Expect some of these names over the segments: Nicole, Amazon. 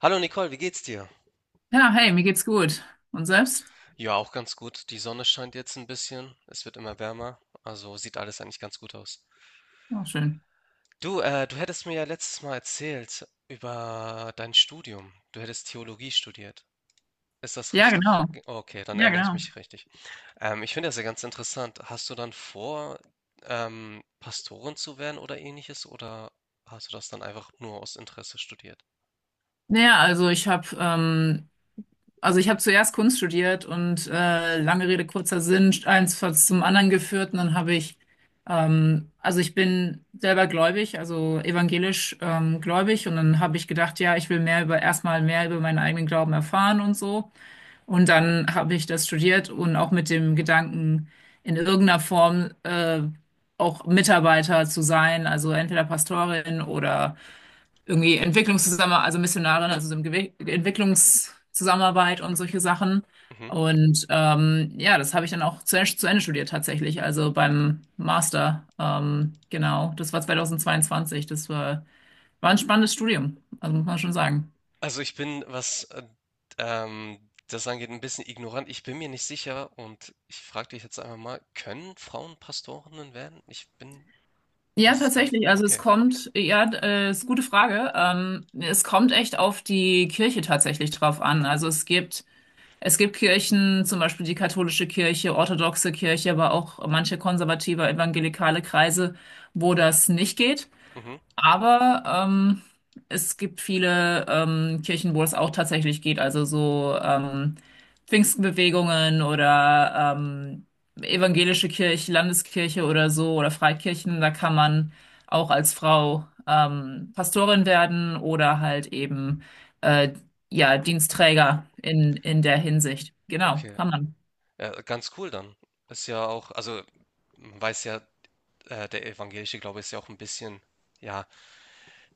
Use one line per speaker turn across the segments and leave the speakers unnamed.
Hallo Nicole, wie geht's dir?
Ja, hey, mir geht's gut. Und selbst?
Ja, auch ganz gut. Die Sonne scheint jetzt ein bisschen. Es wird immer wärmer. Also sieht alles eigentlich ganz gut aus.
Oh, schön.
Du, du hättest mir ja letztes Mal erzählt über dein Studium. Du hättest Theologie studiert. Ist das
Ja,
richtig?
genau.
Okay, dann
Ja,
erinnere ich
genau.
mich richtig. Ich finde das ja ganz interessant. Hast du dann vor, Pastorin zu werden oder ähnliches? Oder hast du das dann einfach nur aus Interesse studiert?
Naja, also ich habe zuerst Kunst studiert und lange Rede, kurzer Sinn, eins hat zum anderen geführt und dann habe ich also ich bin selber gläubig, also evangelisch gläubig und dann habe ich gedacht, ja, ich will mehr über erstmal mehr über meinen eigenen Glauben erfahren und so. Und dann habe ich das studiert und auch mit dem Gedanken, in irgendeiner Form auch Mitarbeiter zu sein, also entweder Pastorin oder irgendwie Entwicklungszusammenarbeit, also Missionarin, also so im Gewe Entwicklungszusammenarbeit und solche Sachen.
Mhm.
Und ja, das habe ich dann auch zu Ende studiert tatsächlich, also beim Master. Genau, das war 2022. Das war ein spannendes Studium, also muss man schon sagen.
Also ich bin, was ähm, das angeht, ein bisschen ignorant. Ich bin mir nicht sicher und ich frage dich jetzt einfach mal, können Frauen Pastorinnen werden? Ich bin,
Ja,
weiß es gar nicht.
tatsächlich. Also es
Okay.
kommt, ja, ist eine gute Frage. Es kommt echt auf die Kirche tatsächlich drauf an. Es gibt Kirchen, zum Beispiel die katholische Kirche, orthodoxe Kirche, aber auch manche konservative evangelikale Kreise, wo das nicht geht.
Mhm.
Aber es gibt viele Kirchen, wo es auch tatsächlich geht, also so Pfingstbewegungen oder evangelische Kirche, Landeskirche oder so oder Freikirchen, da kann man auch als Frau Pastorin werden oder halt eben äh, ja Dienststräger in der Hinsicht. Genau,
Okay.
kann man.
Ja, ganz cool dann. Ist ja auch, also man weiß ja, der evangelische Glaube ist ja auch ein bisschen, ja,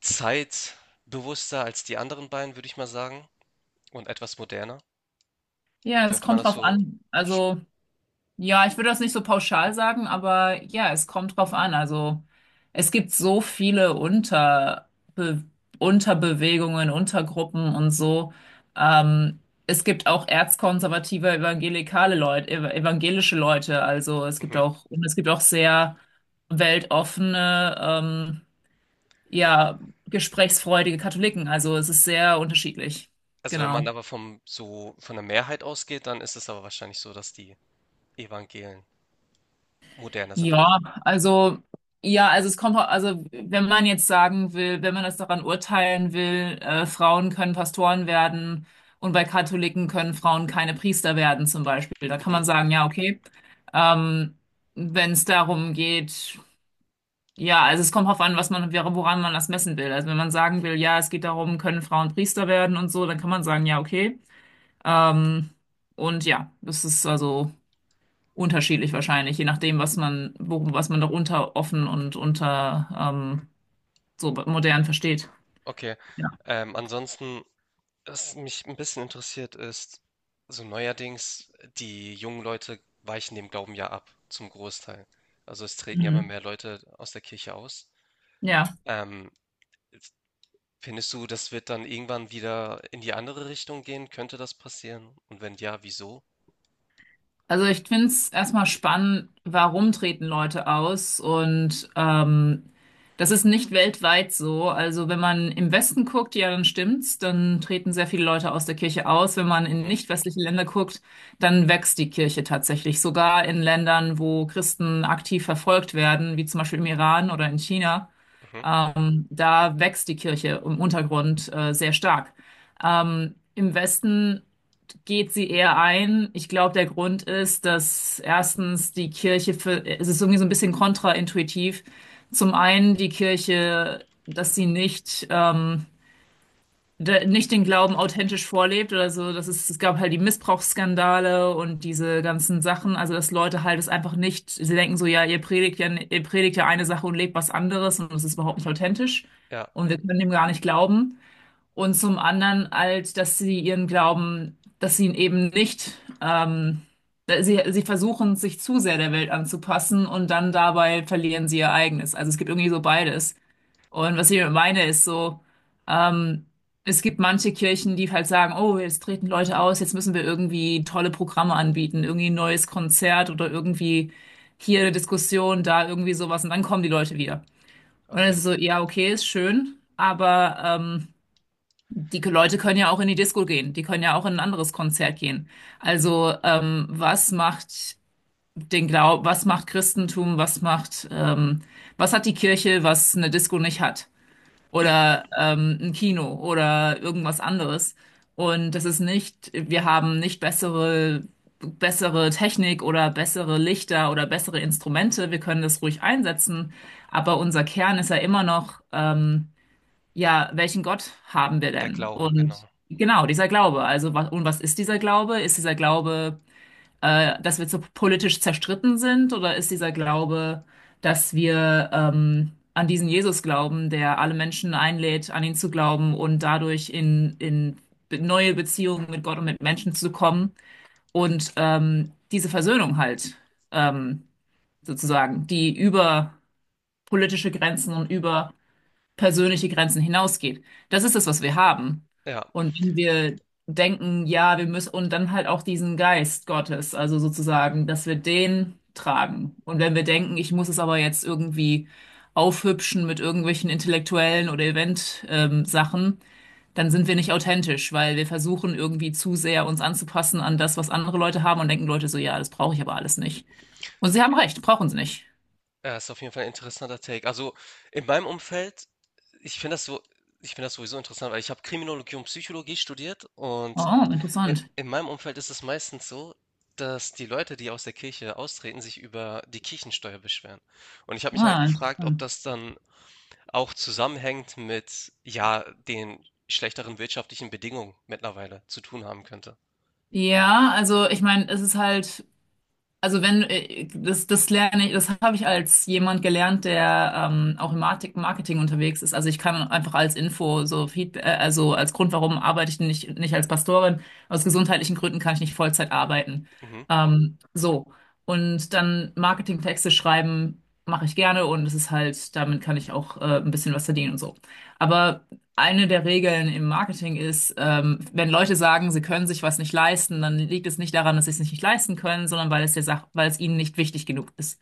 zeitbewusster als die anderen beiden, würde ich mal sagen, und etwas moderner.
Ja, es
Könnte man
kommt
das
drauf
so
an.
sch
Also ja, ich würde das nicht so pauschal sagen, aber ja, es kommt drauf an. Also es gibt so viele Unterbewegungen, Untergruppen und so. Ähm, Es gibt auch erzkonservative evangelikale Leute, ev evangelische Leute. Also es gibt
mhm.
auch und es gibt auch sehr weltoffene, ja, gesprächsfreudige Katholiken. Also es ist sehr unterschiedlich.
Also, wenn man
Genau.
aber vom so von der Mehrheit ausgeht, dann ist es aber wahrscheinlich so, dass die Evangelien moderner sind, oder?
Ja, also ja, also es kommt, also wenn man jetzt sagen will, wenn man das daran urteilen will, Frauen können Pastoren werden und bei Katholiken können Frauen keine Priester werden zum Beispiel, da kann
Mhm.
man sagen, ja, okay. Ähm, Wenn es darum geht, ja, also es kommt drauf an, was man, woran man das messen will. Also wenn man sagen will, ja, es geht darum, können Frauen Priester werden und so, dann kann man sagen, ja, okay. Ähm, und ja, das ist also unterschiedlich wahrscheinlich, je nachdem, was man, worum, was man darunter offen und unter so modern versteht.
Okay.
Ja.
Ansonsten, was mich ein bisschen interessiert, ist so neuerdings, die jungen Leute weichen dem Glauben ja ab, zum Großteil. Also, es treten ja immer
Mhm.
mehr Leute aus der Kirche aus.
Ja.
Ähm, Findest du, das wird dann irgendwann wieder in die andere Richtung gehen? Könnte das passieren? Und wenn ja, wieso?
Also ich finde es erstmal spannend, warum treten Leute aus und das ist nicht weltweit so. Also wenn man im Westen guckt, ja, dann stimmt's, dann treten sehr viele Leute aus der Kirche aus. Wenn man in
Mhm,
nicht westliche Länder guckt, dann wächst die Kirche tatsächlich. Sogar in Ländern, wo Christen aktiv verfolgt werden, wie zum Beispiel im Iran oder in China.
mhm.
Da wächst die Kirche im Untergrund sehr stark. Im Westen geht sie eher ein. Ich glaube, der Grund ist, dass erstens die Kirche für, es ist irgendwie so ein bisschen kontraintuitiv. Zum einen die Kirche, dass sie nicht nicht den Glauben authentisch vorlebt oder so. Das ist, es gab halt die Missbrauchsskandale und diese ganzen Sachen. Also, dass Leute halt es einfach nicht, sie denken so, ja, ihr predigt ja, ihr predigt ja eine Sache und lebt was anderes und es ist überhaupt nicht authentisch.
Ja,
Und wir können dem gar nicht glauben. Und zum anderen halt, dass sie ihren Glauben, dass sie ihn eben nicht, sie versuchen, sich zu sehr der Welt anzupassen und dann dabei verlieren sie ihr eigenes. Also es gibt irgendwie so beides. Und was ich damit meine, ist so, ähm, es gibt manche Kirchen, die halt sagen, oh, jetzt treten Leute aus, jetzt müssen wir irgendwie tolle Programme anbieten, irgendwie ein neues Konzert oder irgendwie hier eine Diskussion, da irgendwie sowas und dann kommen die Leute wieder. Und dann
okay.
ist es so, ja, okay, ist schön, aber die Leute können ja auch in die Disco gehen, die können ja auch in ein anderes Konzert gehen. Also was macht was macht Christentum, was macht, was hat die Kirche, was eine Disco nicht hat? Oder ein Kino oder irgendwas anderes. Und das ist nicht, wir haben nicht bessere Technik oder bessere Lichter oder bessere Instrumente. Wir können das ruhig einsetzen. Aber unser Kern ist ja immer noch, ja, welchen Gott haben wir
Der
denn?
Glaube, genau.
Und genau, dieser Glaube. Also, was, und was ist dieser Glaube? Ist dieser Glaube dass wir so politisch zerstritten sind? Oder ist dieser Glaube, dass wir an diesen Jesus glauben, der alle Menschen einlädt, an ihn zu glauben und dadurch in neue Beziehungen mit Gott und mit Menschen zu kommen und diese Versöhnung halt ähm, sozusagen, die über politische Grenzen und über persönliche Grenzen hinausgeht. Das ist es, was wir haben.
Ja,
Und wenn wir denken, ja, wir müssen, und dann halt auch diesen Geist Gottes, also sozusagen, dass wir den tragen. Und wenn wir denken, ich muss es aber jetzt irgendwie aufhübschen mit irgendwelchen intellektuellen oder Event-Sachen, dann sind wir nicht authentisch, weil wir versuchen irgendwie zu sehr uns anzupassen an das, was andere Leute haben und denken Leute so, ja, das brauche ich aber alles nicht. Und sie haben recht, brauchen sie nicht.
ja, ist auf jeden Fall ein interessanter Take. Also in meinem Umfeld, ich finde das so, ich finde das sowieso interessant, weil ich habe Kriminologie und Psychologie studiert und
Oh, interessant.
in meinem Umfeld ist es meistens so, dass die Leute, die aus der Kirche austreten, sich über die Kirchensteuer beschweren. Und ich habe mich halt
Ah,
gefragt, ob
interessant.
das dann auch zusammenhängt mit, ja, den schlechteren wirtschaftlichen Bedingungen mittlerweile zu tun haben könnte.
Ja, also ich meine, es ist halt, also wenn, das lerne ich, das habe ich als jemand gelernt, der auch im Marketing unterwegs ist. Also ich kann einfach als Info so Feedback, also als Grund, warum arbeite ich nicht als Pastorin, aus gesundheitlichen Gründen kann ich nicht Vollzeit arbeiten.
Mhm.
So. Und dann Marketingtexte schreiben mache ich gerne und es ist halt, damit kann ich auch ein bisschen was verdienen und so. Aber eine der Regeln im Marketing ist, wenn Leute sagen, sie können sich was nicht leisten, dann liegt es nicht daran, dass sie es nicht leisten können, sondern weil es der Sach weil es ihnen nicht wichtig genug ist.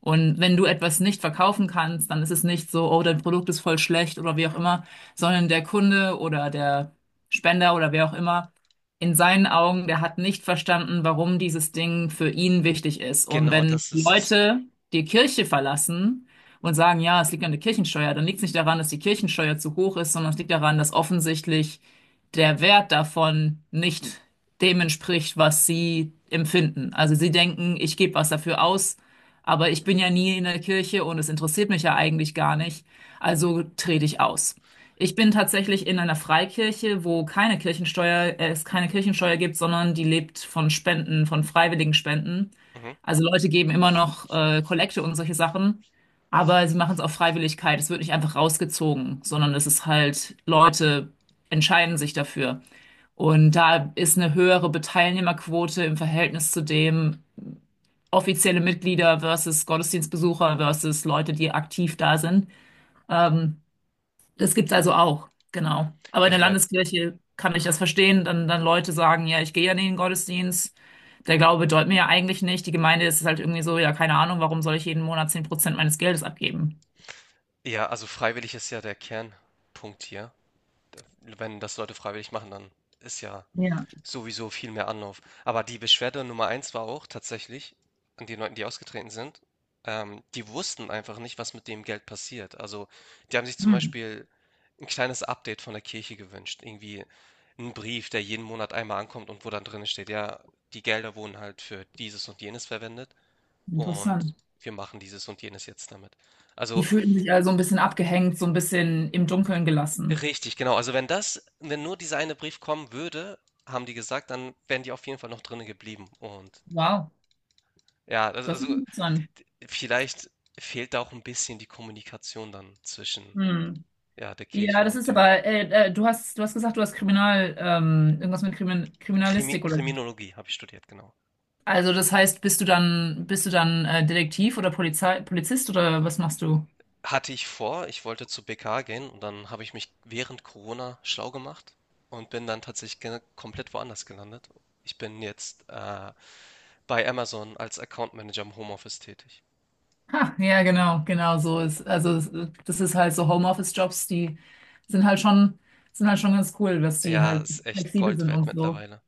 Und wenn du etwas nicht verkaufen kannst, dann ist es nicht so, oh, dein Produkt ist voll schlecht oder wie auch immer, sondern der Kunde oder der Spender oder wer auch immer, in seinen Augen, der hat nicht verstanden, warum dieses Ding für ihn wichtig ist. Und
Genau,
wenn
das ist es.
Leute die Kirche verlassen und sagen, ja, es liegt an der Kirchensteuer, dann liegt es nicht daran, dass die Kirchensteuer zu hoch ist, sondern es liegt daran, dass offensichtlich der Wert davon nicht dem entspricht, was sie empfinden. Also sie denken, ich gebe was dafür aus, aber ich bin ja nie in der Kirche und es interessiert mich ja eigentlich gar nicht, also trete ich aus. Ich bin tatsächlich in einer Freikirche, wo keine es keine Kirchensteuer gibt, sondern die lebt von Spenden, von freiwilligen Spenden.
Mhm.
Also Leute geben immer noch Kollekte und solche Sachen, aber sie machen es auf Freiwilligkeit. Es wird nicht einfach rausgezogen, sondern es ist halt Leute entscheiden sich dafür. Und da ist eine höhere Teilnehmerquote im Verhältnis zu dem offizielle Mitglieder versus Gottesdienstbesucher versus Leute, die aktiv da sind. Ähm, Das gibt's also auch, genau. Aber
Ja,
in
ich
der
meine,
Landeskirche kann ich das verstehen, dann Leute sagen, ja, ich gehe ja nicht in den Gottesdienst. Der Glaube bedeutet mir ja eigentlich nicht. Die Gemeinde ist halt irgendwie so, ja, keine Ahnung, warum soll ich jeden Monat 10% meines Geldes abgeben?
ja, also freiwillig ist ja der Kernpunkt hier. Wenn das Leute freiwillig machen, dann ist ja
Ja,
sowieso viel mehr Anlauf. Aber die Beschwerde Nummer 1 war auch tatsächlich an den Leuten, die ausgetreten sind. Die wussten einfach nicht, was mit dem Geld passiert. Also, die haben sich zum
hm,
Beispiel ein kleines Update von der Kirche gewünscht. Irgendwie ein Brief, der jeden Monat einmal ankommt und wo dann drin steht, ja, die Gelder wurden halt für dieses und jenes verwendet und
interessant.
wir machen dieses und jenes jetzt damit.
Die
Also,
fühlten sich also ein bisschen abgehängt, so ein bisschen im Dunkeln gelassen.
richtig, genau. Also, wenn das wenn nur dieser eine Brief kommen würde, haben die gesagt, dann wären die auf jeden Fall noch drinnen geblieben. Und
Wow,
ja, also
das ist
also,
interessant.
d vielleicht fehlt da auch ein bisschen die Kommunikation dann zwischen,
Hm.
ja, der
Ja,
Kirche
das
und
ist
den
aber, du hast gesagt, du hast irgendwas mit Kriminalistik oder so.
Kriminologie habe ich studiert, genau.
Also das heißt, bist du dann Detektiv oder Polizei Polizist oder was machst du?
Hatte ich vor, ich wollte zur BK gehen und dann habe ich mich während Corona schlau gemacht und bin dann tatsächlich ge komplett woanders gelandet. Ich bin jetzt, bei Amazon als Account Manager im Homeoffice tätig.
Ha, ja, genau, genau so ist. Das ist halt so Homeoffice-Jobs, die sind halt schon, sind halt schon ganz cool, dass die
Ja,
halt
ist echt
flexibel
Gold
sind und
wert
so.
mittlerweile.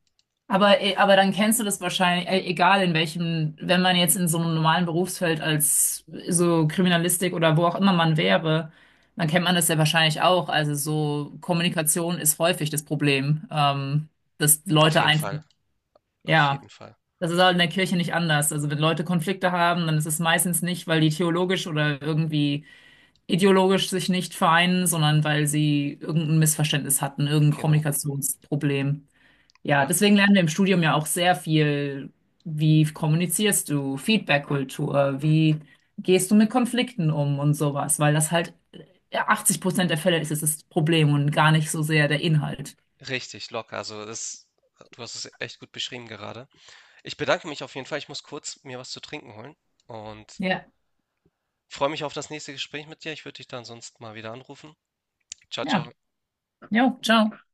Aber dann kennst du das wahrscheinlich, egal in welchem, wenn man jetzt in so einem normalen Berufsfeld als so Kriminalistik oder wo auch immer man wäre, dann kennt man das ja wahrscheinlich auch. Also so Kommunikation ist häufig das Problem, dass
Auf
Leute
jeden
einfach,
Fall, auf
ja,
jeden Fall.
das ist halt in der Kirche nicht anders. Also wenn Leute Konflikte haben, dann ist es meistens nicht, weil die theologisch oder irgendwie ideologisch sich nicht vereinen, sondern weil sie irgendein Missverständnis hatten, irgendein
Genau.
Kommunikationsproblem. Ja,
Ja,
deswegen lernen wir im Studium ja auch sehr viel, wie kommunizierst du, Feedback-Kultur, wie gehst du mit Konflikten um und sowas, weil das halt 80% der Fälle ist es das Problem und gar nicht so sehr der Inhalt.
richtig locker. Also das, du hast es echt gut beschrieben gerade. Ich bedanke mich auf jeden Fall. Ich muss kurz mir was zu trinken holen und
Ja,
freue mich auf das nächste Gespräch mit dir. Ich würde dich dann sonst mal wieder anrufen. Ciao,
ja,
ciao.
jo, ciao.